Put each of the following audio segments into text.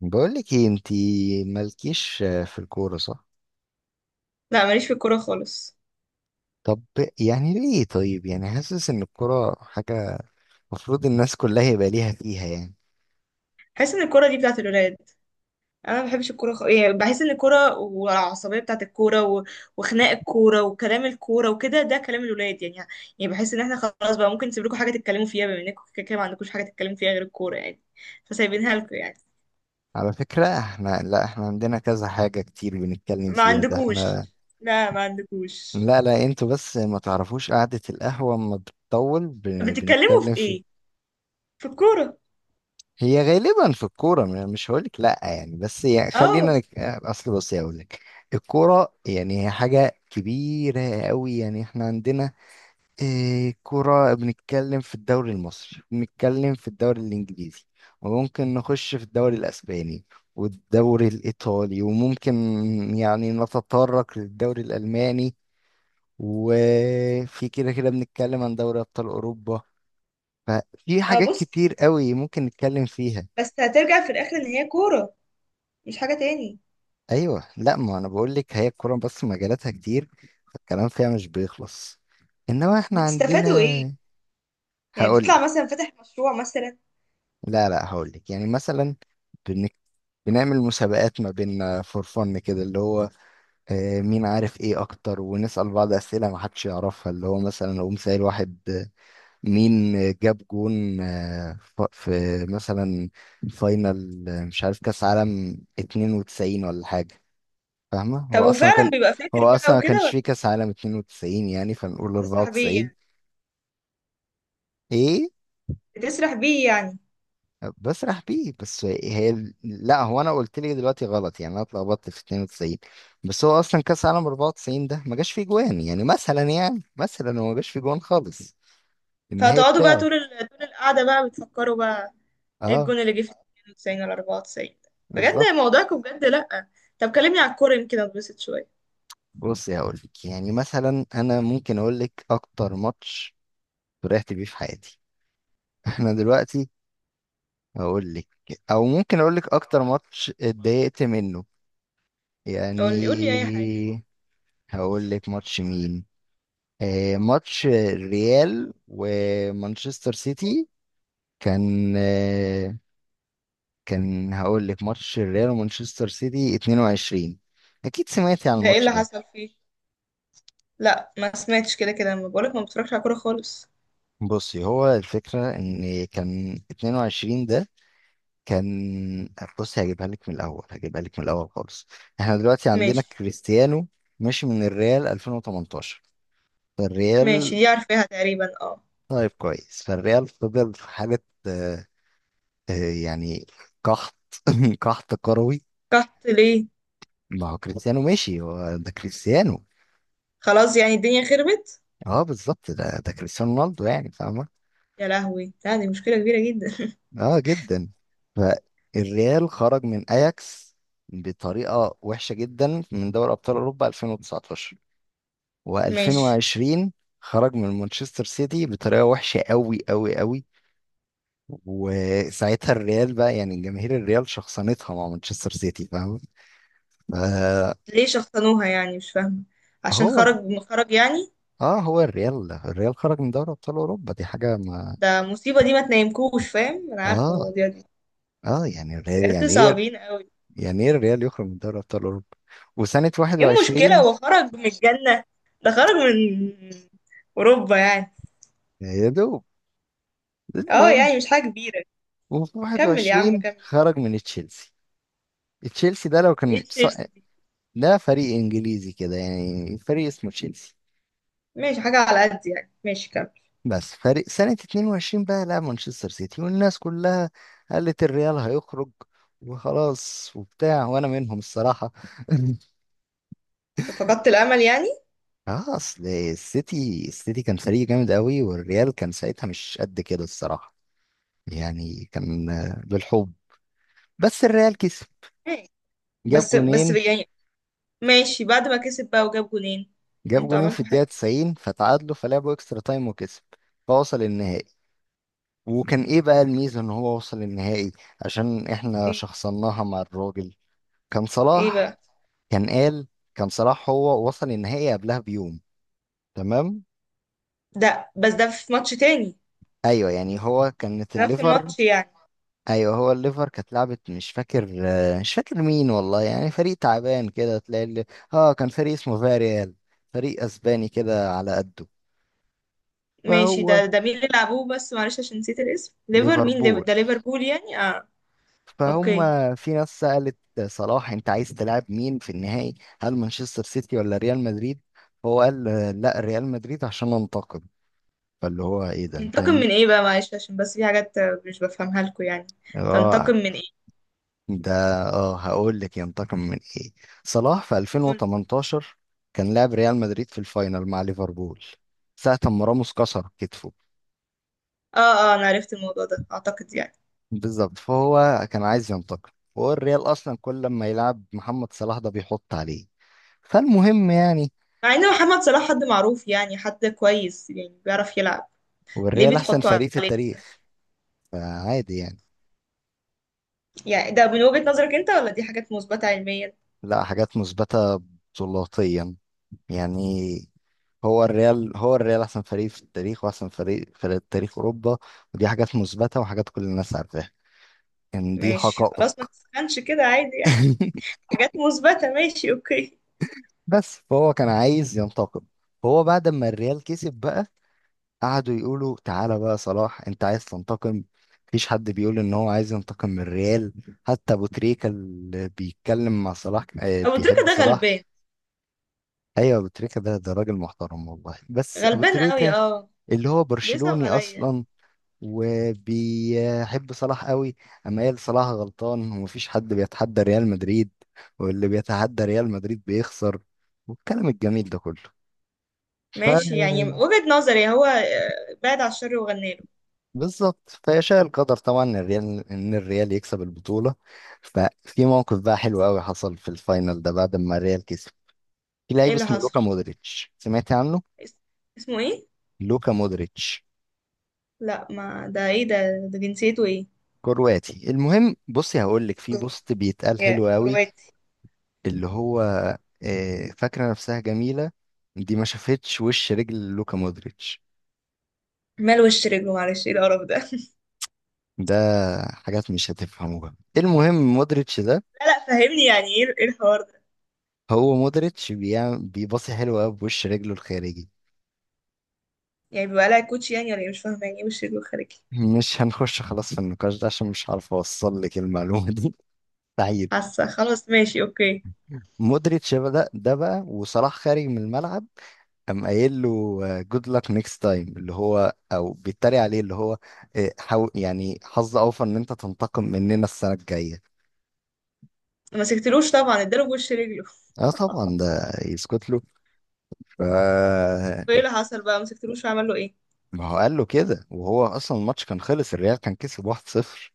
بقولك ايه انتي مالكيش في الكورة صح؟ لا ماليش في الكوره خالص. طب، يعني ليه؟ طيب، يعني حاسس ان الكورة حاجة المفروض الناس كلها يبقى ليها فيها يعني. بحس ان الكوره دي بتاعت الولاد. انا ما بحبش الكوره يعني بحس ان الكوره والعصبيه بتاعت الكوره وخناق الكوره وكلام الكوره وكده ده كلام الولاد يعني. يعني بحس ان احنا خلاص بقى ممكن نسيب لكم حاجه تتكلموا فيها، بما انكم كده كده ما عندكوش حاجه تتكلموا فيها غير الكوره يعني. فسايبينها لكم يعني. على فكرة احنا، لا احنا عندنا كذا حاجة كتير بنتكلم ما فيها، ده عندكوش. احنا. لا، ما عندكوش. لا لا، انتوا بس ما تعرفوش قعدة القهوة اما بتطول بتتكلموا في بنتكلم في. ايه؟ في الكوره؟ هي غالبا في الكورة، مش هقولك لا يعني، بس يعني اه، خلينا اصل بصي هقولك. الكورة يعني هي حاجة كبيرة قوي، يعني احنا عندنا إيه؟ كرة. بنتكلم في الدوري المصري، بنتكلم في الدوري الإنجليزي، وممكن نخش في الدوري الأسباني والدوري الإيطالي، وممكن يعني نتطرق للدوري الألماني، وفي كده كده بنتكلم عن دوري أبطال أوروبا. ففي اه، حاجات بص، كتير قوي ممكن نتكلم فيها. بس هترجع في الاخر ان هي كوره، مش حاجه تاني. أيوة، لا ما أنا بقول لك هي الكرة، بس مجالاتها كتير، فالكلام فيها مش بيخلص. إنما إحنا بتستفادوا ايه؟ عندنا. يعني هقول لك. بتطلع مثلا فاتح مشروع مثلا؟ لا لا، هقول لك يعني مثلا. بنك... بنعمل مسابقات ما بيننا، فور فن كده، اللي هو مين عارف ايه اكتر، ونسأل بعض اسئلة ما حدش يعرفها. اللي هو مثلا اقوم سائل واحد، مين جاب جون، في مثلا فاينل، مش عارف كاس عالم 92 ولا حاجة، فاهمة؟ هو طب اصلا وفعلا كان، بيبقى فاكر هو بقى اصلا ما وكده كانش ولا؟ فيه كاس عالم 92، يعني فنقول بتسرح بيه 94. يعني؟ ايه، بتسرح بيه يعني؟ بسرح بيه بس هي، لا هو انا قلت لي دلوقتي غلط، يعني انا اتلخبطت في 92، بس هو اصلا كاس عالم 94 ده ما جاش فيه جوان، يعني مثلا، يعني مثلا، هو ما جاش فيه جوان خالص النهائي فهتقعدوا بقى بتاعه. طول القعدة بقى بتفكروا بقى ايه اه الجون اللي جه في 92 ولا 94؟ بجد بالظبط. موضوعكم، بجد لأ. طب كلمني على الكورة يمكن اتبسط شوية. بص يا، اقول لك يعني مثلا، انا ممكن اقول لك اكتر ماتش فرحت بيه في حياتي. احنا دلوقتي. هقول لك. او ممكن اقول لك اكتر ماتش اتضايقت منه قول لي، قول لي اي حاجة. يعني. هقول لك ماتش مين. ماتش الريال ومانشستر سيتي. كان كان هقول لك ماتش الريال ومانشستر سيتي 22. اكيد سمعتي عن ده ايه الماتش اللي ده. حصل فيه؟ لا، ما سمعتش، كده كده ما بقولك ما بتفرجش على كورة خالص. بصي، هو الفكرة ان كان 22 ده كان، بصي هجيبها لك من الاول، هجيبها لك من الاول خالص. احنا دلوقتي عندنا ماشي. كريستيانو ماشي من الريال 2018. فالريال. ماشي، دي عارفاها تقريبا، اه. طيب كويس. فالريال فضل في حالة آه، آه، يعني قحط. قحط كروي. قحط ليه؟ ما هو كريستيانو ماشي، هو ده كريستيانو. خلاص، يعني الدنيا خربت؟ اه بالظبط، ده كريستيانو رونالدو، يعني فاهمة؟ يا لهوي، لا دي مشكلة كبيرة جدا. اه جدا. فالريال خرج من اياكس بطريقة وحشة جدا، من دوري ابطال اوروبا 2019 ماشي. و2020. خرج من مانشستر سيتي بطريقة وحشة قوي قوي قوي. وساعتها الريال بقى، يعني جماهير الريال شخصنتها مع مانشستر سيتي، فاهم؟ فهو. ليه شخصنوها يعني؟ مش فاهمة. عشان خرج، خرج يعني؟ اه، هو الريال خرج من دوري ابطال اوروبا، دي حاجة. ما ده مصيبة، دي ما تنامكوش، فاهم؟ انا عارفة اه المواضيع دي، اه، يعني الريال بجد يعني ايه، صعبين قوي. يعني ايه الريال يخرج من دوري ابطال اوروبا؟ وسنة ايه المشكلة، 21، هو خرج من الجنة؟ ده خرج من اوروبا يعني. يا دوب. اه، المهم، يعني مش حاجة كبيرة. وفي كمل يا عم، 21 كمل. خرج من تشيلسي. تشيلسي ده لو كان ايه تشيلسي دي؟ ده فريق انجليزي كده، يعني فريق اسمه تشيلسي. ماشي، حاجة على قد يعني، ماشي كمل. بس فريق، سنة 22 بقى لعب مانشستر سيتي، والناس كلها قالت الريال هيخرج وخلاص وبتاع، وانا منهم الصراحة. فقدت الامل يعني؟ اه، اصل السيتي كان فريق جامد قوي، والريال كان ساعتها مش قد كده الصراحة. يعني كان بالحب. بس الريال كسب، ماشي. جاب بس بس جونين يعني. ماشي، بعد ما كسب بقى وجاب جولين؟ جاب انتوا جونين في عملتوا حاجة. الدقيقة 90، فتعادلوا، فلعبوا اكسترا تايم وكسب، فوصل النهائي. وكان ايه بقى الميزة ان هو وصل النهائي؟ عشان احنا ايه، شخصناها مع الراجل. كان ايه صلاح. بقى؟ كان قال، كان صلاح هو وصل النهائي قبلها بيوم، تمام. ده بس ده في ماتش تاني؟ ايوه، يعني هو كانت نفس الليفر، الماتش يعني؟ ايوه هو الليفر كانت لعبت، مش فاكر مين والله، يعني فريق تعبان كده تلاقي اه كان فريق اسمه فاريال، فريق اسباني كده على قده. ماشي، فهو ده مين اللي لعبوه؟ بس معلش عشان نسيت الاسم، ليفر مين؟ ليفر ليفربول، ده ليفربول يعني، اه. فهم. اوكي. في ناس سألت صلاح، انت عايز تلعب مين في النهائي؟ هل مانشستر سيتي ولا ريال مدريد؟ هو قال لا ريال مدريد، عشان انتقد، فاللي هو ايه ده انت. انتقم من ايه بقى؟ معلش عشان بس في حاجات مش بفهمها لكم يعني. اه تنتقم من ايه؟ ده، اه هقول لك ينتقم من ايه. صلاح في قول. 2018 كان لاعب ريال مدريد في الفاينل مع ليفربول، ساعة ما راموس كسر كتفه. اه، اه، انا عرفت الموضوع ده اعتقد يعني. بالظبط، فهو كان عايز ينتقم، وهو الريال اصلا كل ما يلعب محمد صلاح ده بيحط عليه. فالمهم يعني، مع ان محمد صلاح حد معروف يعني، حد كويس يعني، بيعرف يلعب. ليه والريال احسن بتحطوا فريق في عليه كده؟ التاريخ، فعادي يعني. يعني ده من وجهة نظرك انت ولا دي حاجات مثبتة علميا؟ لا، حاجات مثبتة بطولاتيا، يعني هو الريال، هو الريال احسن فريق في التاريخ، واحسن فريق في تاريخ اوروبا، ودي حاجات مثبتة وحاجات كل الناس عارفاها، كان دي ماشي خلاص، ما حقائق. تسخنش كده، عادي يعني. حاجات مثبتة، ماشي، اوكي. بس فهو كان عايز ينتقم. فهو بعد ما الريال كسب بقى، قعدوا يقولوا تعالى بقى صلاح انت عايز تنتقم. مفيش حد بيقول ان هو عايز ينتقم من الريال. حتى ابو تريكة اللي بيتكلم مع صلاح، ابو تريكة بيحب ده صلاح. غلبان. ايوه، ابو تريكة ده راجل محترم والله. بس ابو غلبان قوي، تريكة اه. اللي هو بيصعب برشلوني عليا. اصلا وبيحب صلاح قوي، اما قال صلاح غلطان ومفيش حد بيتحدى ريال مدريد، واللي بيتحدى ريال مدريد بيخسر، والكلام الجميل ده كله. ف ماشي، يعني وجهة نظري هو بعد على الشر وغنى له. بالظبط، فيشاء القدر طبعا ان الريال، ان الريال يكسب البطوله. ففي موقف بقى حلو قوي حصل في الفاينل ده بعد ما الريال كسب. في ايه لعيب اللي اسمه لوكا حصل؟ مودريتش، سمعت عنه؟ اس- اسمه ايه؟ لوكا مودريتش لا، ما ده ايه ده؟ ده جنسيته ايه؟ كرواتي. المهم، بصي هقول لك في بوست بيتقال يا حلو قوي، كرواتي. اللي هو فاكرة نفسها جميلة دي ما شافتش وش رجل لوكا مودريتش. مال وش رجله؟ معلش، ايه القرف ده؟ ده حاجات مش هتفهموها. المهم مودريتش ده، لا، لا، فهمني يعني، ايه، ايه الحوار ده؟ هو مودريتش بيعمل بيباصي حلو قوي بوش رجله الخارجي. يعني بيبقى لها كوتش يعني ولا ايه؟ مش فاهمه يعني ايه وش رجله خارجي. مش هنخش خلاص في النقاش ده عشان مش عارف اوصل لك المعلومة دي. سعيد. حاسه، خلاص، ماشي، اوكي. مودريتش بدأ ده بقى، وصلاح خارج من الملعب، قام قايل له جود luck نيكست تايم، اللي هو او بيتريق عليه، اللي هو حاول يعني حظ اوفر ان انت تنتقم مننا السنة الجاية. ما مسكتلوش طبعا، اداله بوش رجله. اه طبعا، ده يسكت له. ف وايه اللي حصل بقى؟ ما مسكتلوش وعمل له ايه؟ ما هو قال له كده، وهو اصلا الماتش كان خلص، الريال كان كسب 1-0.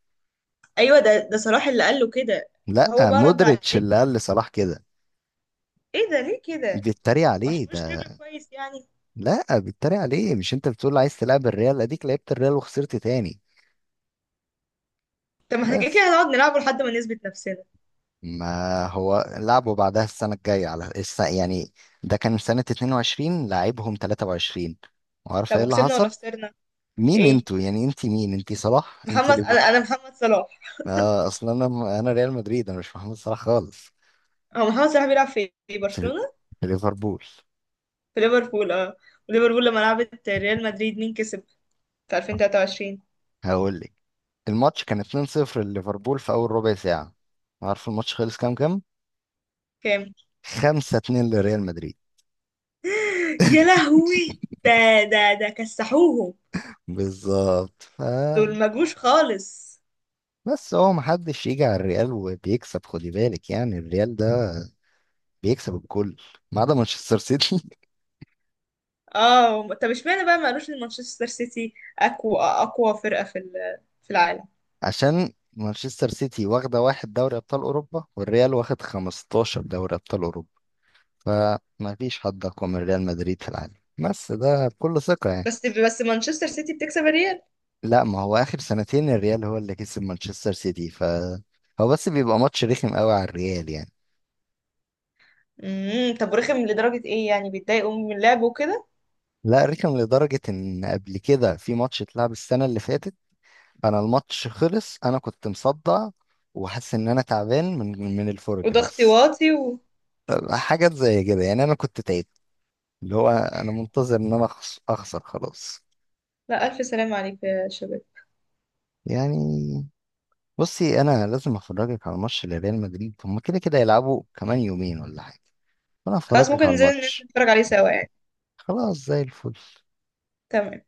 ايوه، ده صلاح اللي قال له كده؟ لا، هو بقى رد عليه مودريتش اللي قال بايه؟ لصلاح كده، ايه ده؟ ليه كده؟ بيتريق عليه وعشان وش ده. رجله كويس يعني؟ لا بيتريق عليه، مش انت بتقول عايز تلعب الريال؟ اديك لعبت الريال وخسرت تاني. طب ما احنا كده كده بس هنقعد نلعبه لحد ما نثبت نفسنا. ما هو لعبه بعدها السنة الجاية على يعني ده كان سنة 22 لعبهم 23، وعارف طب ايه اللي وكسبنا ولا حصل. خسرنا؟ مين ايه؟ انتوا يعني، انت مين؟ انت صلاح انت؟ محمد، انا محمد صلاح. اصل انا ريال مدريد، انا مش محمد صلاح خالص. هو محمد صلاح بيلعب في في برشلونة؟ في ليفربول. في ليفربول. اه. وليفربول لما لعبت ريال مدريد، مين كسب؟ في 2023. هقول لك، الماتش كان 2-0 لليفربول في اول ربع ساعة. عارف الماتش خلص كام كام؟ كام؟ 5-2 لريال مدريد. يا لهوي ده. ده كسحوهم. بالظبط. ف دول ما جوش خالص. بس، هو محدش يجي على الريال وبيكسب، خدي بالك، يعني الريال ده بيكسب الكل ما عدا مانشستر سيتي. اه، طب اشمعنى بقى ما قالوش ان مانشستر سيتي اقوى، اقوى فرقة في العالم؟ عشان مانشستر سيتي واخدة واحد دوري أبطال أوروبا، والريال واخد 15 دوري أبطال أوروبا، فما فيش حد أقوى من ريال مدريد في العالم، بس ده بكل ثقة يعني. بس بس مانشستر سيتي بتكسب الريال. لا ما هو آخر سنتين الريال هو اللي كسب مانشستر سيتي. ف هو بس بيبقى ماتش رخم قوي على الريال يعني. طب رخم لدرجة ايه يعني؟ بيتضايقوا من اللعب؟ لا، رخم لدرجة إن قبل كده في ماتش اتلعب السنة اللي فاتت، أنا الماتش خلص أنا كنت مصدع، وحاسس إن أنا تعبان من الفرج وده بس. اختواطي حاجات زي كده يعني، أنا كنت تعبت، اللي هو أنا منتظر إن أنا أخسر خلاص لا، ألف سلام عليك يا شباب. يعني. بصي انا لازم افرجك على ماتش لريال مدريد، هما كده كده يلعبوا كمان يومين ولا حاجه، فانا خلاص، افرجك ممكن على ننزل الماتش. نتفرج عليه سوا يعني؟ خلاص زي الفل. تمام.